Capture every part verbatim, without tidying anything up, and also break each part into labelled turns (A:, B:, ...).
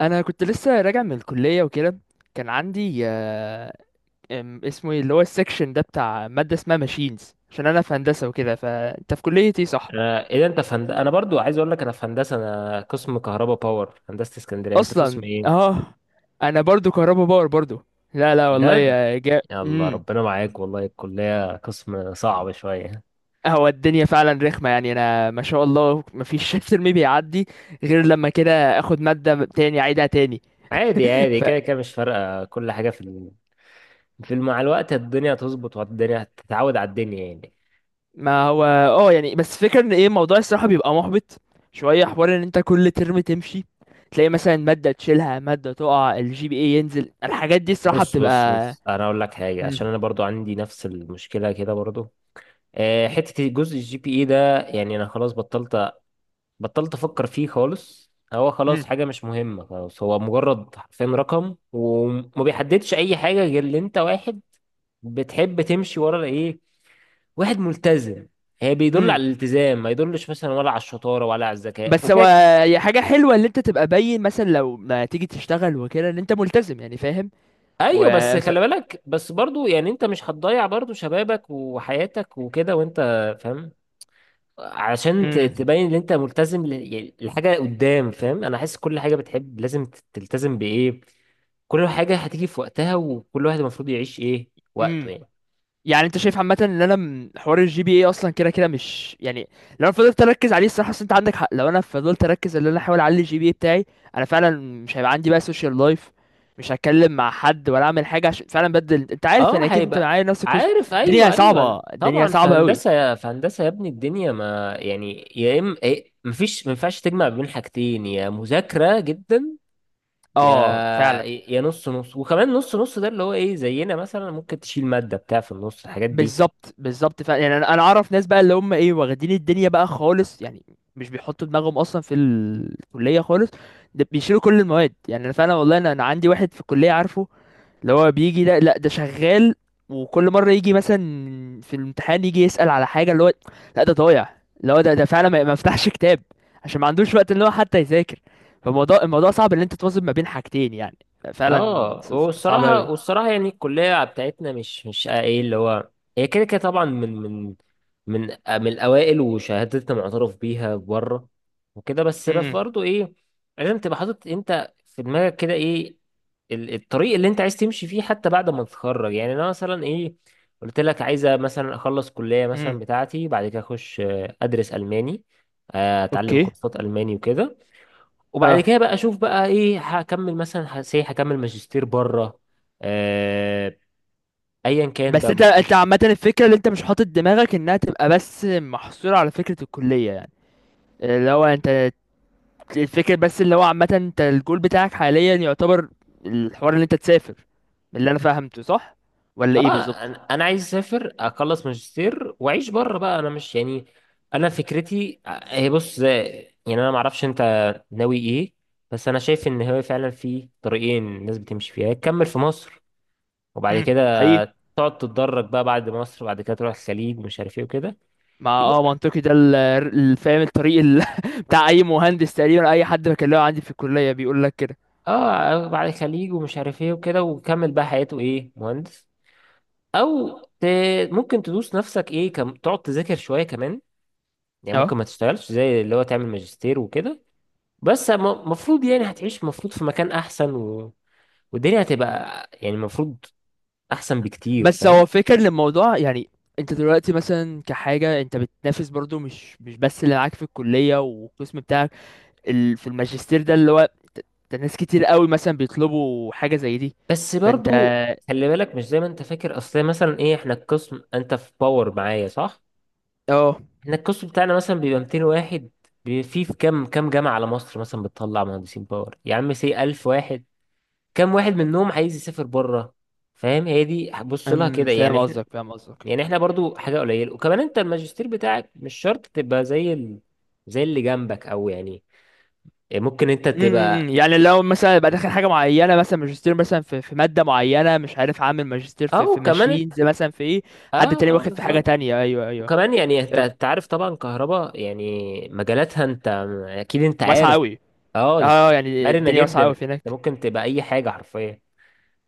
A: انا كنت لسه راجع من الكليه وكده. كان عندي آه، ام- اسمه ايه اللي هو السكشن ده بتاع ماده اسمها ماشينز، عشان انا في هندسه وكده. فانت في كليه ايه؟ صح.
B: انا ايه ده انت في هند... انا برضو عايز اقول لك انا في هندسه. انا قسم كهرباء باور، هندسه اسكندريه. انت قسم
A: اصلا
B: ايه؟
A: اه انا برضو كهربا باور برضو. لا، لا والله
B: بجد؟
A: يا جا.
B: يلا،
A: امم
B: ربنا معاك والله، الكليه قسم صعب شويه.
A: هو الدنيا فعلا رخمه يعني، انا ما شاء الله مفيش ترم بيعدي غير لما كده اخد ماده تاني اعيدها تاني.
B: عادي عادي، كده كده مش فارقه، كل حاجه في ال... في الم- مع الوقت الدنيا هتظبط، والدنيا هتتعود على الدنيا يعني.
A: ما هو اه يعني بس فكرة ان ايه، الموضوع الصراحة بيبقى محبط. شوية حوار ان انت كل ترم تمشي، تلاقي مثلا مادة تشيلها، مادة تقع، الجي بي اي ينزل، الحاجات دي الصراحة
B: بص بص
A: بتبقى.
B: بص، انا اقول لك حاجه، عشان
A: مم.
B: انا برضو عندي نفس المشكله كده برضو. آه، حته جزء الجي بي اي ده، يعني انا خلاص بطلت بطلت افكر فيه خالص. هو خلاص
A: مم.
B: حاجة مش مهمة، خلاص. هو مجرد حرفيا رقم، وما بيحددش اي حاجة، غير ان انت واحد بتحب تمشي ورا ايه، واحد ملتزم. هي بيدل
A: مم.
B: على الالتزام، ما يدلش مثلا ولا على الشطارة ولا على الذكاء
A: بس هو
B: وكده.
A: هي حاجة حلوة ان انت تبقى باين، مثلا لو ما تيجي تشتغل وكده، ان انت ملتزم يعني فاهم. و
B: ايوه، بس
A: ف...
B: خلي بالك، بس برضو يعني، انت مش هتضيع برضو شبابك وحياتك وكده، وانت فاهم. علشان ت-
A: مم.
B: تبين ان انت ملتزم، ل- يعني لحاجه قدام، فاهم؟ انا حاسس كل حاجه بتحب لازم ت- تلتزم بايه. كل حاجه هتيجي في وقتها، وكل واحد المفروض يعيش ايه وقته
A: مم.
B: يعني.
A: يعني انت شايف عامه ان انا م- حوار الجي بي اي اصلا كده كده مش يعني، لو انا فضلت اركز عليه الصراحه، اصل انت عندك حق. لو انا فضلت اركز ان انا احاول اعلي الجي بي اي بتاعي، انا فعلا مش هيبقى عندي بقى سوشيال لايف، مش هتكلم مع حد ولا اعمل حاجه، عشان فعلا بدل، انت عارف
B: اه،
A: يعني، اكيد انت
B: هيبقى.
A: معايا نفس القسم.
B: عارف، ايوه
A: الدنيا صعبه،
B: ايوه
A: الدنيا
B: طبعا، في
A: صعبه قوي.
B: هندسه، في هندسه يا ابني، الدنيا ما يعني، يا اما إيه، مفيش، ما ينفعش تجمع بين حاجتين، يا مذاكره جدا، يا
A: اه فعلا.
B: يا نص نص، وكمان نص نص، ده اللي هو ايه، زينا مثلا ممكن تشيل ماده بتاع في النص الحاجات دي.
A: بالظبط بالظبط فعلا يعني، انا انا اعرف ناس بقى اللي هم ايه واخدين الدنيا بقى خالص يعني، مش بيحطوا دماغهم اصلا في الكليه خالص، ده بيشيلوا كل المواد. يعني انا فعلا والله، انا انا عندي واحد في الكليه عارفه، اللي هو بيجي ده، لا ده شغال، وكل مرة يجي مثلا في الامتحان يجي يسأل على حاجة، اللي هو لا ده ضايع، اللي هو ده ده فعلا ما ما فتحش كتاب، عشان ما عندوش وقت اللي هو حتى يذاكر. فالموضوع الموضوع صعب ان انت توازن ما بين حاجتين يعني. فعلا
B: اه،
A: ص- صعب اوي.
B: والصراحه والصراحه يعني الكليه بتاعتنا مش مش ايه اللي هو، هي كده كده طبعا من من من من الاوائل، وشهادتنا معترف بيها بره وكده، بس بس
A: امم.
B: برضه ايه، لازم تبقى حاطط انت في دماغك كده ايه ال- الطريق اللي انت عايز تمشي فيه حتى بعد ما تتخرج. يعني انا مثلا ايه، قلت لك عايزه مثلا اخلص كليه مثلا
A: امم.
B: بتاعتي، بعد كده اخش آه، ادرس الماني، آه، اتعلم
A: اوكي.
B: كورسات الماني وكده، وبعد
A: اه.
B: كده بقى اشوف بقى ايه، هكمل مثلا هسي هكمل ماجستير بره. آه ايا كان
A: بس
B: بقى
A: انت
B: المفروض.
A: انت عامة الفكرة اللي انت مش حاطط دماغك انها تبقى بس محصورة على فكرة الكلية يعني. اللي هو انت، الفكرة بس اللي هو عامة، انت الجول بتاعك حاليا يعتبر الحوار اللي انت تسافر، من اللي انا فهمته صح، ولا
B: اه
A: ايه بالظبط؟
B: انا أنا عايز اسافر، اخلص ماجستير واعيش بره بقى، انا مش يعني، انا فكرتي آه، هي بص زي. يعني انا ما اعرفش انت ناوي ايه. بس انا شايف ان هو فعلا في طريقين الناس بتمشي فيها، يا تكمل في مصر، وبعد
A: امم
B: كده
A: حقيقي.
B: تقعد تتدرج بقى بعد مصر، وبعد كده تروح الخليج ومش عارف ايه وكده.
A: مع اه منطقي، ده ال- ال- فاهم الطريق ال... بتاع اي مهندس تقريبا. اي حد بكلمه عندي في الكلية بيقول لك كده.
B: اه، بعد الخليج ومش عارف ايه وكده، وكمل بقى حياته ايه، مهندس. او ت... ممكن تدوس نفسك، ايه كم... تقعد تذاكر شويه كمان، يعني
A: اه
B: ممكن ما تشتغلش، زي اللي هو تعمل ماجستير وكده. بس المفروض يعني هتعيش المفروض في مكان احسن، و... والدنيا هتبقى، يعني المفروض احسن بكتير،
A: بس
B: فاهم.
A: هو فكر للموضوع يعني. انت دلوقتي مثلا كحاجة انت بتنافس برضو مش مش بس اللي معاك في الكلية والقسم بتاعك. ال... في الماجستير ده اللي هو ت- ده ناس كتير قوي مثلا بيطلبوا حاجة زي دي.
B: بس
A: فانت
B: برضو خلي بالك، مش زي ما انت فاكر، اصل مثلا ايه، احنا القسم، انت في باور معايا، صح؟
A: اه.
B: احنا القسم بتاعنا مثلا بيبقى ميتين واحد، بي- في في كام كام جامعه على مصر مثلا بتطلع مهندسين باور، يا عم سي ألف واحد، كام واحد منهم عايز يسافر بره؟ فاهم، هي دي بص لها
A: امم،
B: كده، يعني
A: فاهم
B: احنا،
A: قصدك فاهم قصدك.
B: يعني احنا برضو حاجه قليله. وكمان انت الماجستير بتاعك مش شرط تبقى زي ال... زي اللي جنبك، او يعني ممكن انت
A: امم،
B: تبقى،
A: يعني لو مثلا يبقى داخل حاجه معينه، مثلا ماجستير مثلا في في ماده معينه، مش عارف، عامل ماجستير في
B: او
A: في
B: كمان انت.
A: ماشينز مثلا، في ايه، حد تاني
B: اه اه،
A: واخد في حاجه
B: بالظبط.
A: تانية. ايوه، ايوه
B: وكمان يعني انت
A: فاهم.
B: أنت عارف طبعا كهرباء، يعني مجالاتها انت اكيد انت
A: واسعه
B: عارف.
A: قوي.
B: اه ده،
A: اه
B: ف-
A: يعني
B: مرنه
A: الدنيا واسعه
B: جدا،
A: قوي في
B: انت
A: هناك.
B: ممكن تبقى اي حاجه حرفيا،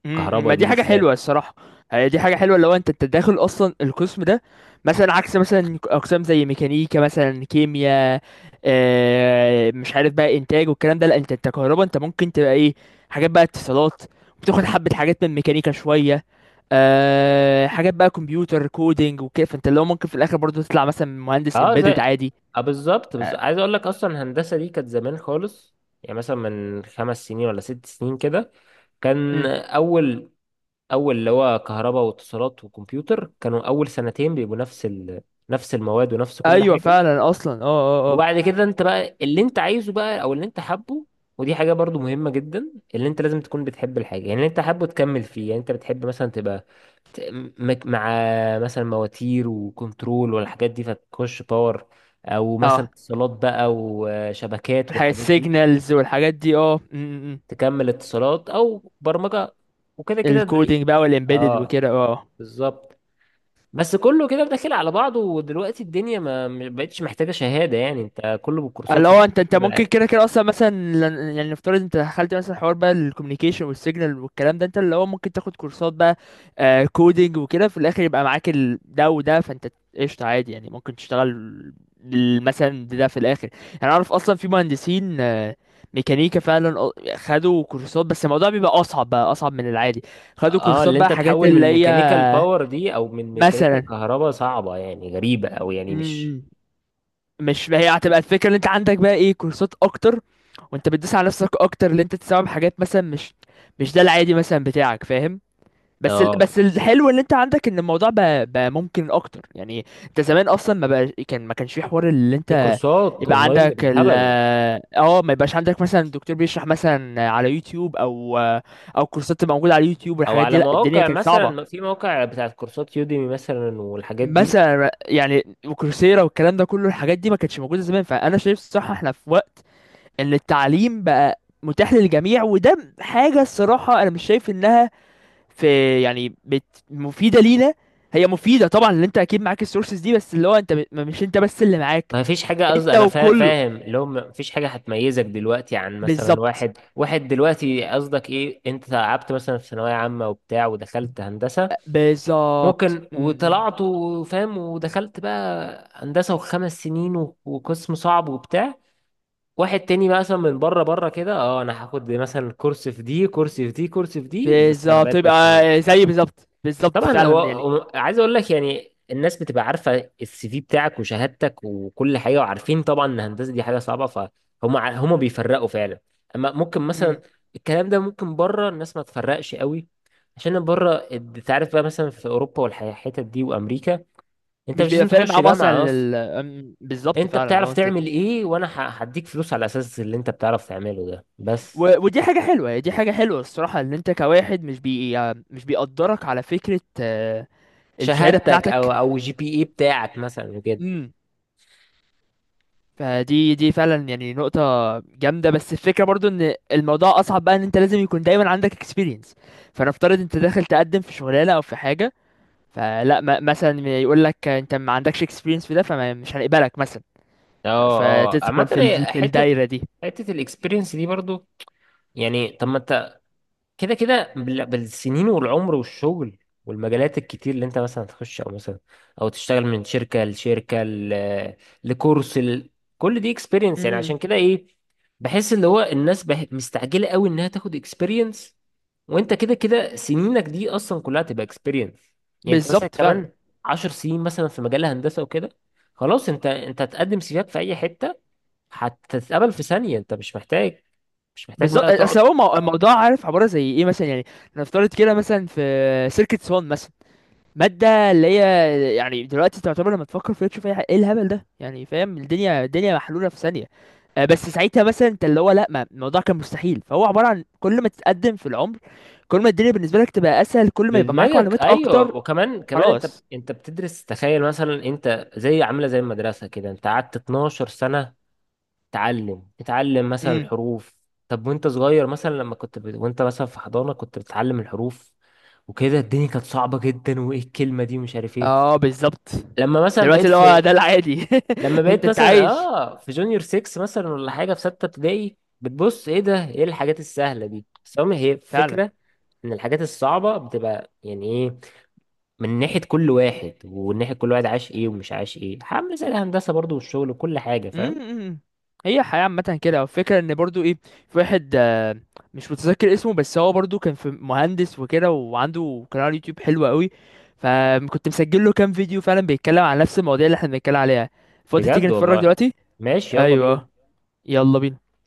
A: امم،
B: الكهرباء
A: ما
B: دي
A: دي حاجة
B: بالذات.
A: حلوة الصراحة. هي دي حاجة حلوة لو انت انت داخل اصلا القسم ده، مثلا عكس مثلا اقسام زي ميكانيكا مثلا كيمياء. آه مش عارف بقى انتاج والكلام ده. لا انت انت كهربا، انت ممكن تبقى ايه، حاجات بقى اتصالات، بتاخد حبة حاجات من ميكانيكا شوية، آه حاجات بقى كمبيوتر كودينج وكده، فانت لو ممكن في الاخر برضه تطلع مثلا مهندس
B: اه
A: امبيدد
B: زي
A: عادي.
B: اه بالظبط، بس
A: آه.
B: عايز اقول لك، اصلا الهندسه دي كانت زمان خالص، يعني مثلا من خمس سنين ولا ست سنين كده، كان
A: مم.
B: اول اول اللي هو كهرباء واتصالات وكمبيوتر كانوا اول سنتين بيبقوا نفس ال... نفس المواد ونفس كل
A: ايوه
B: حاجه.
A: فعلا اصلا اه اه اه.
B: وبعد كده انت بقى اللي انت عايزه بقى او اللي انت حابه. ودي حاجه برضو مهمه جدا، اللي انت لازم تكون بتحب الحاجه، يعني اللي انت حابه تكمل فيه. يعني انت بتحب مثلا تبقى مك- مع مثلا مواتير وكنترول والحاجات دي، فتخش باور. او مثلا
A: اه
B: اتصالات بقى، وشبكات
A: الحاجات
B: والحاجات دي،
A: السيجنالز والحاجات دي اه، مم، مم.
B: تكمل اتصالات او برمجة وكده، كده دي،
A: الكودينج بقى والامبيدد
B: اه
A: وكده اه.
B: بالظبط. بس كله كده داخل على بعضه، ودلوقتي الدنيا ما ما بقتش محتاجة شهادة، يعني انت كله
A: اللي
B: بالكورسات
A: هو
B: انت
A: انت
B: ممكن
A: انت
B: تعمل
A: ممكن
B: عادي.
A: كده كده اصلا مثلا لن- يعني نفترض انت دخلت مثلا حوار بقى الكوميونيكيشن والسيجنال والكلام ده، انت اللي هو ممكن تاخد كورسات بقى آه كودينج وكده، في الاخر يبقى معاك ال- ده وده. فانت قشطة عادي يعني، ممكن تشتغل ال- مثلا ده في الاخر. يعني اعرف اصلا في مهندسين آه ميكانيكا فعلا اه- خدوا كورسات، بس الموضوع بيبقى اصعب بقى، اصعب من العادي، خدوا
B: اه،
A: كورسات
B: اللي
A: بقى
B: انت
A: حاجات
B: تحول من
A: اللي هي
B: ميكانيكال باور دي او من
A: مثلا.
B: ميكانيكال كهرباء، صعبة يعني غريبة، او يعني مش.
A: مم. مش ما هي هتبقى الفكره ان انت عندك بقى ايه كورسات اكتر، وانت بتدوس على نفسك اكتر اللي انت تستوعب حاجات مثلا، مش مش ده العادي مثلا بتاعك فاهم. بس ال...
B: اه،
A: بس الحلو ان انت عندك ان الموضوع بقى, بقى ممكن اكتر يعني. انت زمان اصلا ما بقى كان ما كانش في حوار اللي
B: في
A: انت
B: كورسات
A: يبقى
B: اونلاين
A: عندك ال
B: بالهبل،
A: اه ما يبقاش عندك مثلا دكتور بيشرح مثلا على يوتيوب، او او كورسات تبقى موجوده على يوتيوب
B: او
A: والحاجات دي.
B: على
A: لا الدنيا
B: مواقع،
A: كانت
B: مثلا
A: صعبه.
B: في مواقع بتاعت كورسات يوديمي مثلا والحاجات دي.
A: مثلا يعني وكورسيرا والكلام ده كله الحاجات دي ما كانتش موجوده زمان. فانا شايف الصراحه احنا في وقت ان التعليم بقى متاح للجميع، وده حاجة الصراحة انا مش شايف انها في يعني بت مفيدة لينا. هي مفيدة طبعا اللي انت اكيد معاك السورسز دي، بس اللي هو انت ب- مش انت بس اللي معاك
B: ما فيش حاجه،
A: انت
B: قصدي انا فا-
A: وكله.
B: فاهم اللي هو ما فيش حاجه هتميزك دلوقتي عن مثلا
A: بالظبط،
B: واحد، واحد دلوقتي، قصدك ايه، انت تعبت مثلا في ثانويه عامه وبتاع، ودخلت هندسه
A: بالظبط
B: ممكن،
A: م- م.
B: وطلعت وفاهم، ودخلت بقى هندسه، وخمس سنين و- وقسم صعب وبتاع، واحد تاني بقى مثلا من بره، بره كده، اه انا هاخد مثلا كورس في دي كورس في دي كورس في دي، بس انا
A: بالظبط
B: بقيت
A: يبقى
B: مش مهندس.
A: زي، بالظبط بالظبط
B: طبعا، هو
A: فعلا يعني.
B: هو- عايز اقول لك، يعني الناس بتبقى عارفه السي في بتاعك وشهادتك وكل حاجه، وعارفين طبعا ان الهندسه دي حاجه صعبه فهم، ع- هم بيفرقوا فعلا. اما ممكن مثلا
A: م.
B: الكلام ده ممكن بره الناس ما تفرقش قوي، عشان بره انت عارف بقى مثلا في اوروبا والحتت دي وامريكا، انت
A: مش
B: مش
A: بيبقى
B: لازم
A: فارق
B: تخش
A: معاهم اصلا
B: جامعه اصلا،
A: ال- م- بالظبط
B: انت
A: فعلا
B: بتعرف
A: اه انت
B: تعمل
A: مش.
B: ايه، وانا ه- هديك فلوس على اساس اللي انت بتعرف تعمله ده
A: و...
B: بس،
A: ودي حاجة حلوة، دي حاجة حلوة الصراحة ان انت كواحد مش بي يعني، مش بيقدرك على فكرة آه، الشهاده
B: شهادتك او
A: بتاعتك.
B: او جي بي اي بتاعك مثلا.
A: امم، فدي دي فعلا يعني نقطة جامدة. بس الفكرة برضو ان الموضوع اصعب بقى، ان انت لازم يكون دايما عندك experience. فنفترض انت داخل تقدم في شغلانة او في حاجة، فلا م- مثلا يقول لك انت ما عندكش experience في ده، فمش هنقبلك مثلا. ف-
B: اه اه، عامة
A: فتدخل في ال-
B: هي
A: في
B: حتة
A: الدايرة دي.
B: حتة الاكسبيرينس دي برضو، يعني طب ما انت كده كده بال- بالسنين والعمر والشغل، والمجالات الكتير اللي انت مثلا تخش، او مثلا او تشتغل من شركة لشركة ل- لكورس ل... كل دي اكسبيرينس، يعني
A: امم
B: عشان كده ايه، بحس اللي هو الناس بح... مستعجلة قوي انها تاخد اكسبيرينس، وانت كده كده سنينك دي اصلا كلها تبقى اكسبيرينس. يعني انت مثلا
A: بالظبط فعلا.
B: كمان عشر سنين مثلا في مجال الهندسة وكده، خلاص، انت انت هتقدم سيفك في اي حتة، هتتقبل في ثانية، انت مش محتاج، مش محتاج
A: بالظبط،
B: بقى تقعد.
A: اصل هو مو- الموضوع عارف عبارة زي ايه مثلا يعني. نفترض كده مثلا في سيركت سوان مثلا، مادة اللي هي يعني دلوقتي تعتبر، لما تفكر فيها تشوف ايه، إيه الهبل ده يعني فاهم، الدنيا الدنيا محلولة في ثانية. آه، بس ساعتها مثلا انت اللي هو لا، ما الموضوع كان مستحيل. فهو عبارة عن كل ما تتقدم في العمر، كل ما الدنيا بالنسبة لك تبقى اسهل، كل ما يبقى معاك
B: بدماغك،
A: معلومات اكتر.
B: ايوه، وكمان كمان انت
A: خلاص.
B: انت بتدرس، تخيل مثلا انت زي عامله زي المدرسه كده، انت قعدت اتناشر سنه تعلم تتعلم مثلا
A: امم.
B: الحروف. طب وانت صغير مثلا، لما كنت ب... وانت مثلا في حضانه كنت بتتعلم الحروف وكده، الدنيا كانت صعبه جدا، وايه الكلمه دي ومش عارف ايه.
A: اه بالظبط.
B: لما مثلا
A: دلوقتي
B: بقيت
A: اللي هو
B: في
A: ده العادي.
B: لما
A: انت
B: بقيت
A: انت
B: مثلا
A: عايش
B: اه في جونيور سيكس مثلا، ولا حاجه في سته ابتدائي، بتبص ايه ده، ايه الحاجات السهله دي. بس هم، هي
A: فعلا.
B: فكره من الحاجات الصعبة، بتبقى يعني ايه، من ناحية كل واحد، وناحية كل واحد عاش ايه ومش عاش ايه، عامل زي الهندسة برضو والشغل وكل حاجة، فاهم.
A: امم. هي الحياة عامة كده. والفكرة ان برضو ايه، في واحد آه، مش متذكر اسمه، بس هو برضو كان في مهندس وكده، وعنده قناة على اليوتيوب حلوة قوي. فكنت مسجل له كام فيديو فعلا بيتكلم عن نفس المواضيع اللي احنا بنتكلم عليها. فاضي تيجي
B: بجد
A: نتفرج
B: والله.
A: دلوقتي؟
B: ماشي، يلا
A: ايوه،
B: بينا.
A: يلا بينا.